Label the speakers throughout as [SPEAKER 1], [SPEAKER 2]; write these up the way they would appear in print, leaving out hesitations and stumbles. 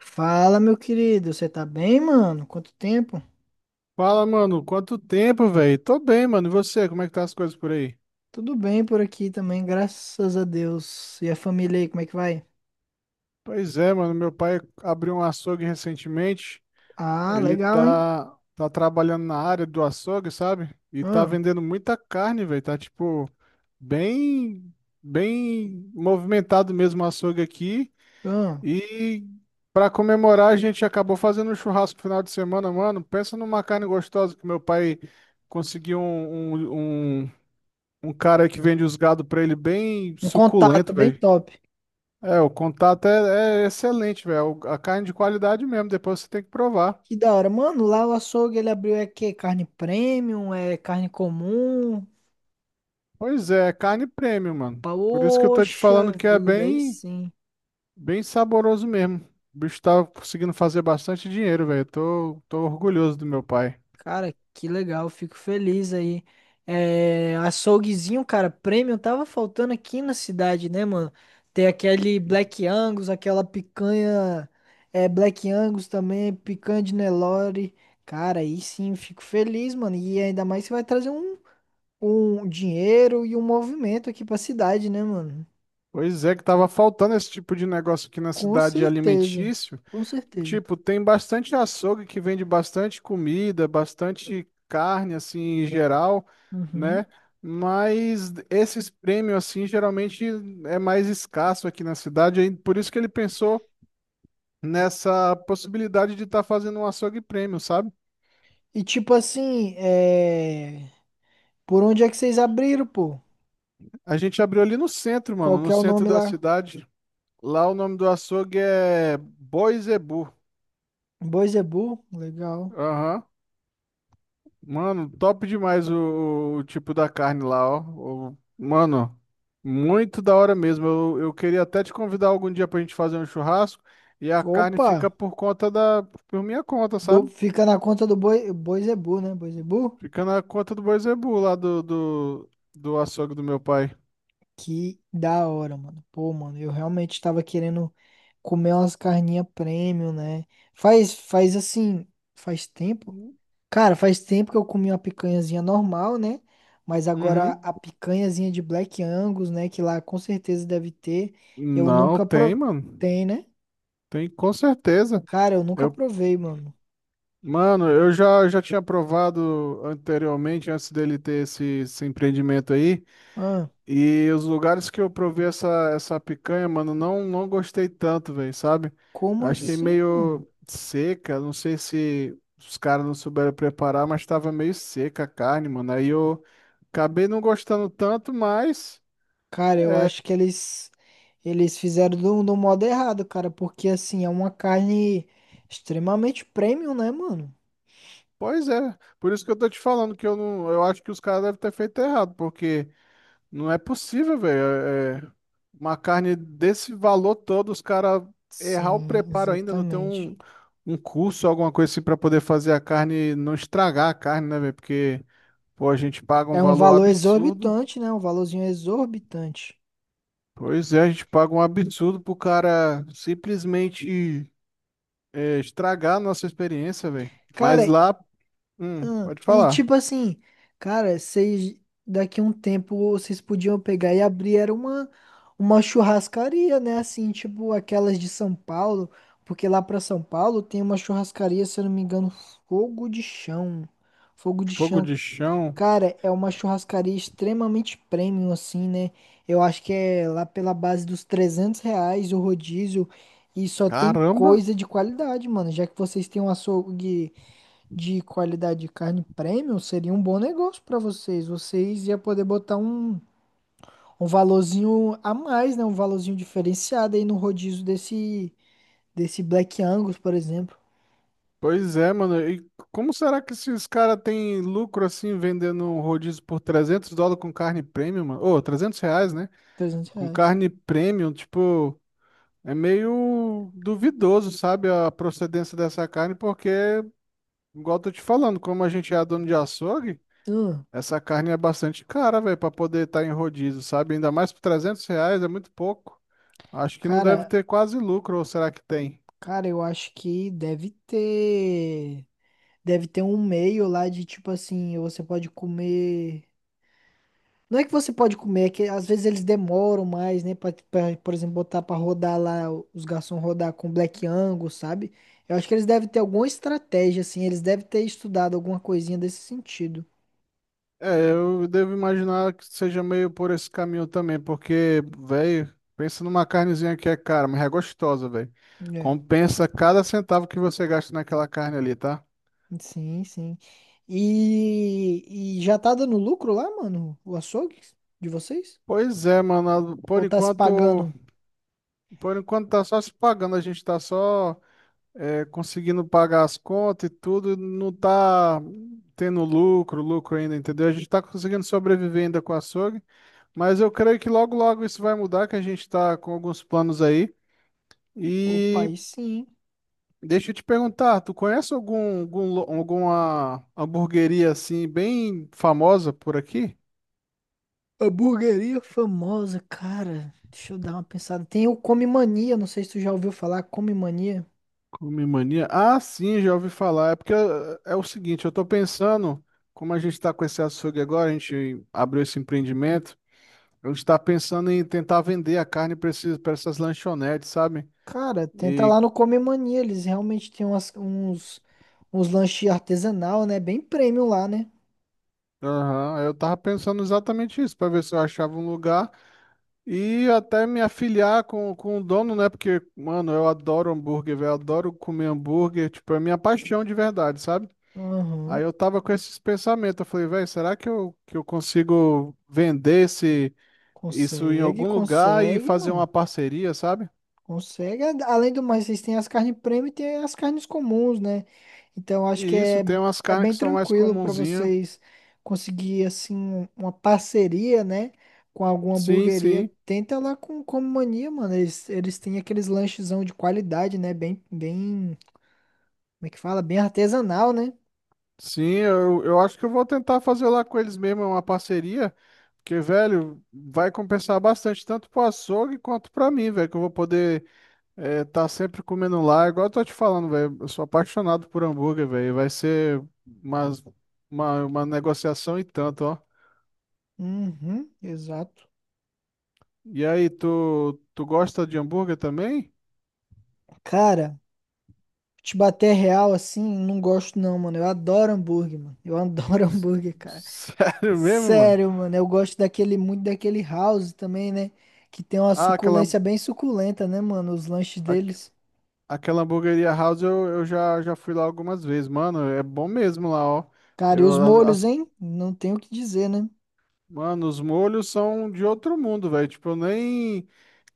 [SPEAKER 1] Fala, meu querido, você tá bem, mano? Quanto tempo?
[SPEAKER 2] Fala, mano, quanto tempo, velho? Tô bem, mano. E você, como é que tá as coisas por aí?
[SPEAKER 1] Tudo bem por aqui também, graças a Deus. E a família aí, como é que vai?
[SPEAKER 2] Pois é, mano, meu pai abriu um açougue recentemente.
[SPEAKER 1] Ah,
[SPEAKER 2] Ele
[SPEAKER 1] legal, hein?
[SPEAKER 2] tá trabalhando na área do açougue, sabe? E tá
[SPEAKER 1] Ah,
[SPEAKER 2] vendendo muita carne, velho. Tá tipo bem bem movimentado mesmo o açougue aqui.
[SPEAKER 1] ah.
[SPEAKER 2] E pra comemorar, a gente acabou fazendo um churrasco no final de semana, mano. Pensa numa carne gostosa que meu pai conseguiu um Um cara que vende os gado pra ele bem
[SPEAKER 1] Um contato
[SPEAKER 2] suculento,
[SPEAKER 1] bem
[SPEAKER 2] velho.
[SPEAKER 1] top.
[SPEAKER 2] É, o contato é excelente, velho. A carne de qualidade mesmo, depois você tem que provar.
[SPEAKER 1] Que da hora. Mano, lá o açougue ele abriu é quê? Carne premium, é carne comum?
[SPEAKER 2] Pois é, é carne premium, mano. Por isso que eu tô te falando
[SPEAKER 1] Poxa
[SPEAKER 2] que é
[SPEAKER 1] vida, aí
[SPEAKER 2] bem,
[SPEAKER 1] sim.
[SPEAKER 2] bem saboroso mesmo. O bicho tá conseguindo fazer bastante dinheiro, velho. Tô orgulhoso do meu pai.
[SPEAKER 1] Cara, que legal, fico feliz aí. É, açouguezinho, cara, premium tava faltando aqui na cidade, né, mano? Tem aquele Black Angus, aquela picanha, é, Black Angus também, picanha de Nelore. Cara, aí sim, fico feliz, mano. E ainda mais você vai trazer um, um dinheiro e um movimento aqui pra cidade, né, mano?
[SPEAKER 2] Pois é, que tava faltando esse tipo de negócio aqui na
[SPEAKER 1] Com
[SPEAKER 2] cidade
[SPEAKER 1] certeza,
[SPEAKER 2] alimentício.
[SPEAKER 1] com certeza.
[SPEAKER 2] Tipo, tem bastante açougue que vende bastante comida, bastante carne, assim, em geral, né?
[SPEAKER 1] Uhum.
[SPEAKER 2] Mas esses prêmios, assim, geralmente é mais escasso aqui na cidade, aí por isso que ele pensou nessa possibilidade de estar fazendo um açougue prêmio, sabe?
[SPEAKER 1] E tipo assim, é, por onde é que vocês abriram, pô?
[SPEAKER 2] A gente abriu ali no centro,
[SPEAKER 1] Qual
[SPEAKER 2] mano,
[SPEAKER 1] que
[SPEAKER 2] no
[SPEAKER 1] é o
[SPEAKER 2] centro
[SPEAKER 1] nome
[SPEAKER 2] da
[SPEAKER 1] lá?
[SPEAKER 2] cidade. Lá o nome do açougue é Boi Zebu.
[SPEAKER 1] Boisebu, legal.
[SPEAKER 2] Aham. Mano, top demais o tipo da carne lá, ó. Mano, muito da hora mesmo. Eu queria até te convidar algum dia pra gente fazer um churrasco e a carne
[SPEAKER 1] Opa,
[SPEAKER 2] fica por minha conta, sabe?
[SPEAKER 1] fica na conta do Boi, Boisebu, né? Boisebu?
[SPEAKER 2] Fica na conta do Boi Zebu lá do açougue do meu pai.
[SPEAKER 1] Que da hora, mano. Pô, mano, eu realmente tava querendo comer umas carninhas premium, né? Faz, faz assim, faz tempo. Cara, faz tempo que eu comi uma picanhazinha normal, né? Mas agora
[SPEAKER 2] Uhum.
[SPEAKER 1] a picanhazinha de Black Angus, né? Que lá com certeza deve ter. Eu
[SPEAKER 2] Não,
[SPEAKER 1] nunca
[SPEAKER 2] tem, mano.
[SPEAKER 1] provei, né?
[SPEAKER 2] Tem com certeza.
[SPEAKER 1] Cara, eu nunca
[SPEAKER 2] Eu,
[SPEAKER 1] provei, mano.
[SPEAKER 2] mano, eu já tinha provado anteriormente, antes dele ter esse empreendimento aí.
[SPEAKER 1] Ah,
[SPEAKER 2] E os lugares que eu provei essa picanha, mano, não gostei tanto, velho, sabe?
[SPEAKER 1] como
[SPEAKER 2] Achei
[SPEAKER 1] assim, mano?
[SPEAKER 2] meio seca, não sei se os caras não souberam preparar, mas tava meio seca a carne, mano. Aí eu acabei não gostando tanto, mas,
[SPEAKER 1] Cara, eu acho que eles fizeram do modo errado, cara, porque assim, é uma carne extremamente premium, né, mano?
[SPEAKER 2] pois é. Por isso que eu tô te falando que eu não, eu acho que os caras devem ter feito errado, porque não é possível, velho. É uma carne desse valor todo, os caras errar o
[SPEAKER 1] Sim,
[SPEAKER 2] preparo ainda, não tem
[SPEAKER 1] exatamente.
[SPEAKER 2] um, um curso, alguma coisa assim pra poder fazer a carne, não estragar a carne, né, velho? Porque, pô, a gente paga um
[SPEAKER 1] É um
[SPEAKER 2] valor
[SPEAKER 1] valor
[SPEAKER 2] absurdo.
[SPEAKER 1] exorbitante, né? Um valorzinho exorbitante.
[SPEAKER 2] Pois é, a gente paga um absurdo pro cara simplesmente estragar a nossa experiência, velho.
[SPEAKER 1] Cara,
[SPEAKER 2] Mas lá,
[SPEAKER 1] ah,
[SPEAKER 2] pode
[SPEAKER 1] e
[SPEAKER 2] falar.
[SPEAKER 1] tipo assim, cara, vocês daqui a um tempo vocês podiam pegar e abrir era uma churrascaria, né? Assim, tipo aquelas de São Paulo, porque lá pra São Paulo tem uma churrascaria, se eu não me engano, Fogo de Chão. Fogo de
[SPEAKER 2] Fogo
[SPEAKER 1] Chão.
[SPEAKER 2] de chão.
[SPEAKER 1] Cara, é uma churrascaria extremamente premium, assim, né? Eu acho que é lá pela base dos 300 reais o rodízio e só tem
[SPEAKER 2] Caramba!
[SPEAKER 1] coisa de qualidade, mano. Já que vocês têm um açougue de qualidade de carne premium seria um bom negócio para vocês. Vocês iam poder botar um, um valorzinho a mais, né? Um valorzinho diferenciado aí no rodízio desse, desse Black Angus, por exemplo.
[SPEAKER 2] Pois é, mano. E como será que esses caras têm lucro assim vendendo um rodízio por US$ 300 com carne premium, mano? Ô, R$ 300, né?
[SPEAKER 1] trezentos
[SPEAKER 2] Com
[SPEAKER 1] reais.
[SPEAKER 2] carne premium, tipo, é meio duvidoso, sabe, a procedência dessa carne, porque, igual eu tô te falando, como a gente é dono de açougue,
[SPEAKER 1] Hum,
[SPEAKER 2] essa carne é bastante cara, velho, pra poder estar em rodízio, sabe? Ainda mais por R$ 300, é muito pouco. Acho que não deve
[SPEAKER 1] cara,
[SPEAKER 2] ter quase lucro, ou será que tem?
[SPEAKER 1] cara, eu acho que deve ter. Deve ter um meio lá de tipo assim, você pode comer. Não é que você pode comer, é que às vezes eles demoram mais, né? Por exemplo, botar pra rodar lá, os garçons rodar com Black Angus, sabe? Eu acho que eles devem ter alguma estratégia, assim, eles devem ter estudado alguma coisinha desse sentido.
[SPEAKER 2] É, eu devo imaginar que seja meio por esse caminho também, porque, velho, pensa numa carnezinha que é cara, mas é gostosa, velho.
[SPEAKER 1] É,
[SPEAKER 2] Compensa cada centavo que você gasta naquela carne ali, tá?
[SPEAKER 1] sim, sim. E já tá dando lucro lá, mano? O açougue de vocês?
[SPEAKER 2] Pois é, mano, por
[SPEAKER 1] Ou tá se
[SPEAKER 2] enquanto,
[SPEAKER 1] pagando?
[SPEAKER 2] por enquanto tá só se pagando, a gente tá só conseguindo pagar as contas e tudo, não tá tendo lucro ainda, entendeu? A gente tá conseguindo sobreviver ainda com o açougue, mas eu creio que logo, logo isso vai mudar, que a gente tá com alguns planos aí.
[SPEAKER 1] Opa,
[SPEAKER 2] E
[SPEAKER 1] aí sim.
[SPEAKER 2] deixa eu te perguntar, tu conhece algum alguma hamburgueria assim bem famosa por aqui?
[SPEAKER 1] A burgueria famosa, cara. Deixa eu dar uma pensada. Tem o Come Mania, não sei se tu já ouviu falar, Come Mania.
[SPEAKER 2] Come Mania? Ah, sim, já ouvi falar. É porque é o seguinte, eu tô pensando, como a gente tá com esse açougue agora, a gente abriu esse empreendimento, a gente tá pensando em tentar vender a carne para essas lanchonetes, sabe?
[SPEAKER 1] Cara, tenta
[SPEAKER 2] E
[SPEAKER 1] lá no Come Mania, eles realmente têm uns, uns lanches artesanal, né? Bem premium lá, né?
[SPEAKER 2] aham, eu tava pensando exatamente isso, para ver se eu achava um lugar. E até me afiliar com o dono, né? Porque, mano, eu adoro hambúrguer, velho. Adoro comer hambúrguer. Tipo, é minha paixão de verdade, sabe? Aí
[SPEAKER 1] Aham.
[SPEAKER 2] eu tava com esses pensamentos. Eu falei, velho, será que eu consigo vender isso em
[SPEAKER 1] Consegue,
[SPEAKER 2] algum lugar e
[SPEAKER 1] consegue,
[SPEAKER 2] fazer uma
[SPEAKER 1] mano.
[SPEAKER 2] parceria, sabe?
[SPEAKER 1] Consegue. Além do mais, vocês têm as carnes premium e tem as carnes comuns, né? Então
[SPEAKER 2] E
[SPEAKER 1] acho que
[SPEAKER 2] isso,
[SPEAKER 1] é,
[SPEAKER 2] tem umas
[SPEAKER 1] é
[SPEAKER 2] carnes que
[SPEAKER 1] bem
[SPEAKER 2] são mais
[SPEAKER 1] tranquilo pra
[SPEAKER 2] comunzinhas.
[SPEAKER 1] vocês conseguir, assim, uma parceria, né? Com alguma
[SPEAKER 2] Sim,
[SPEAKER 1] hamburgueria.
[SPEAKER 2] sim.
[SPEAKER 1] Tenta lá com o Come Mania, mano. Eles têm aqueles lanchezão de qualidade, né? Bem, bem, como é que fala? Bem artesanal, né?
[SPEAKER 2] Sim, eu acho que eu vou tentar fazer lá com eles mesmo uma parceria. Porque, velho, vai compensar bastante, tanto pro açougue quanto pra mim, velho, que eu vou poder é, tá sempre comendo lá, igual eu tô te falando, velho. Eu sou apaixonado por hambúrguer, velho. Vai ser umas, uma negociação e tanto, ó.
[SPEAKER 1] Uhum, exato.
[SPEAKER 2] E aí, tu gosta de hambúrguer também?
[SPEAKER 1] Cara, te bater real assim, não gosto não, mano. Eu adoro hambúrguer, mano. Eu adoro
[SPEAKER 2] S-
[SPEAKER 1] hambúrguer, cara.
[SPEAKER 2] Sério mesmo, mano?
[SPEAKER 1] Sério, mano. Eu gosto daquele, muito daquele house também, né? Que tem uma
[SPEAKER 2] Ah,
[SPEAKER 1] suculência bem suculenta, né, mano? Os lanches
[SPEAKER 2] a-
[SPEAKER 1] deles.
[SPEAKER 2] aquela hamburgueria House eu, eu já fui lá algumas vezes, mano. É bom mesmo lá, ó.
[SPEAKER 1] Cara, e
[SPEAKER 2] Eu,
[SPEAKER 1] os
[SPEAKER 2] as-
[SPEAKER 1] molhos,
[SPEAKER 2] as-
[SPEAKER 1] hein? Não tenho o que dizer, né?
[SPEAKER 2] Mano, os molhos são de outro mundo, velho. Tipo, eu nem.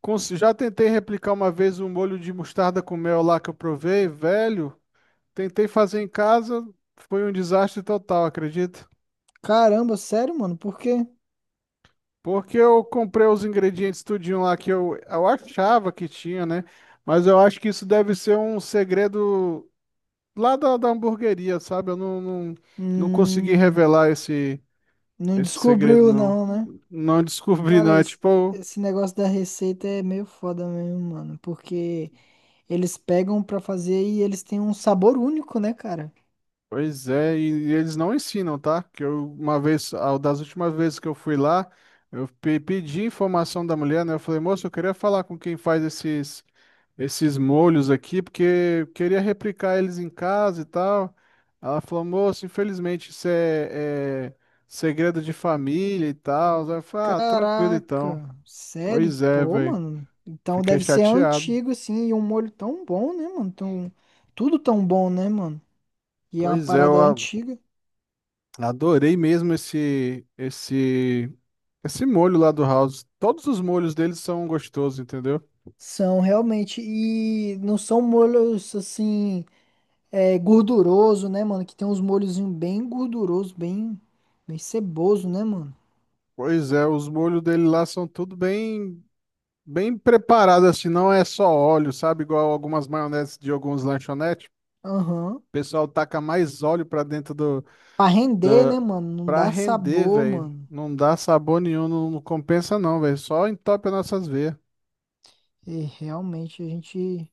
[SPEAKER 2] Já tentei replicar uma vez um molho de mostarda com mel lá que eu provei, velho. Tentei fazer em casa, foi um desastre total, acredito.
[SPEAKER 1] Caramba, sério, mano. Por quê?
[SPEAKER 2] Porque eu comprei os ingredientes tudinho lá que eu achava que tinha, né? Mas eu acho que isso deve ser um segredo lá da hamburgueria, sabe? Eu não consegui
[SPEAKER 1] Hum,
[SPEAKER 2] revelar esse,
[SPEAKER 1] não
[SPEAKER 2] esse segredo,
[SPEAKER 1] descobriu
[SPEAKER 2] não.
[SPEAKER 1] não, né?
[SPEAKER 2] Não descobri,
[SPEAKER 1] Cara,
[SPEAKER 2] não. É
[SPEAKER 1] esse,
[SPEAKER 2] tipo,
[SPEAKER 1] esse negócio da receita é meio foda mesmo, mano. Porque eles pegam pra fazer e eles têm um sabor único, né, cara?
[SPEAKER 2] pois é, e eles não ensinam, tá? Que eu, uma vez, das últimas vezes que eu fui lá, eu pedi informação da mulher, né? Eu falei, moça, eu queria falar com quem faz esses. Esses molhos aqui, porque eu queria replicar eles em casa e tal. Ela falou, moço, infelizmente isso é segredo de família e tal. Aí eu falei, ah, tranquilo então.
[SPEAKER 1] Caraca, sério?
[SPEAKER 2] Pois é,
[SPEAKER 1] Pô,
[SPEAKER 2] velho.
[SPEAKER 1] mano. Então
[SPEAKER 2] Fiquei
[SPEAKER 1] deve ser
[SPEAKER 2] chateado.
[SPEAKER 1] antigo, assim, e um molho tão bom, né, mano? Tão, tudo tão bom, né, mano? E é uma
[SPEAKER 2] Pois é,
[SPEAKER 1] parada
[SPEAKER 2] eu
[SPEAKER 1] antiga.
[SPEAKER 2] adorei mesmo esse molho lá do House. Todos os molhos deles são gostosos, entendeu?
[SPEAKER 1] São realmente. E não são molhos, assim, é, gorduroso, né, mano? Que tem uns molhozinhos bem gorduroso, bem, bem ceboso, né, mano?
[SPEAKER 2] Pois é, os molhos dele lá são tudo bem preparados, assim, não é só óleo, sabe? Igual algumas maioneses de alguns lanchonetes.
[SPEAKER 1] Aham.
[SPEAKER 2] Pessoal taca mais óleo pra dentro do,
[SPEAKER 1] Pra render, né,
[SPEAKER 2] da
[SPEAKER 1] mano? Não
[SPEAKER 2] pra
[SPEAKER 1] dá
[SPEAKER 2] render,
[SPEAKER 1] sabor,
[SPEAKER 2] velho.
[SPEAKER 1] mano.
[SPEAKER 2] Não dá sabor nenhum, não compensa não, velho. Só entope as nossas veias.
[SPEAKER 1] E realmente a gente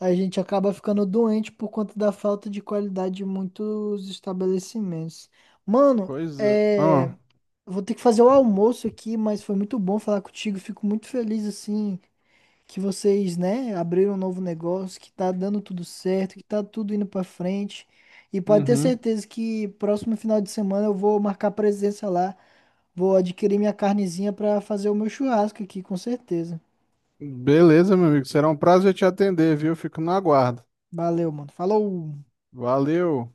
[SPEAKER 1] a gente acaba ficando doente por conta da falta de qualidade de muitos estabelecimentos. Mano,
[SPEAKER 2] Pois é.
[SPEAKER 1] é,
[SPEAKER 2] Ó,
[SPEAKER 1] vou ter que fazer o almoço aqui, mas foi muito bom falar contigo. Fico muito feliz assim que vocês, né, abriram um novo negócio, que tá dando tudo certo, que tá tudo indo pra frente. E pode ter
[SPEAKER 2] uhum.
[SPEAKER 1] certeza que próximo final de semana eu vou marcar presença lá. Vou adquirir minha carnezinha pra fazer o meu churrasco aqui, com certeza.
[SPEAKER 2] Beleza, meu amigo. Será um prazer te atender, viu? Fico no aguardo.
[SPEAKER 1] Valeu, mano. Falou!
[SPEAKER 2] Valeu.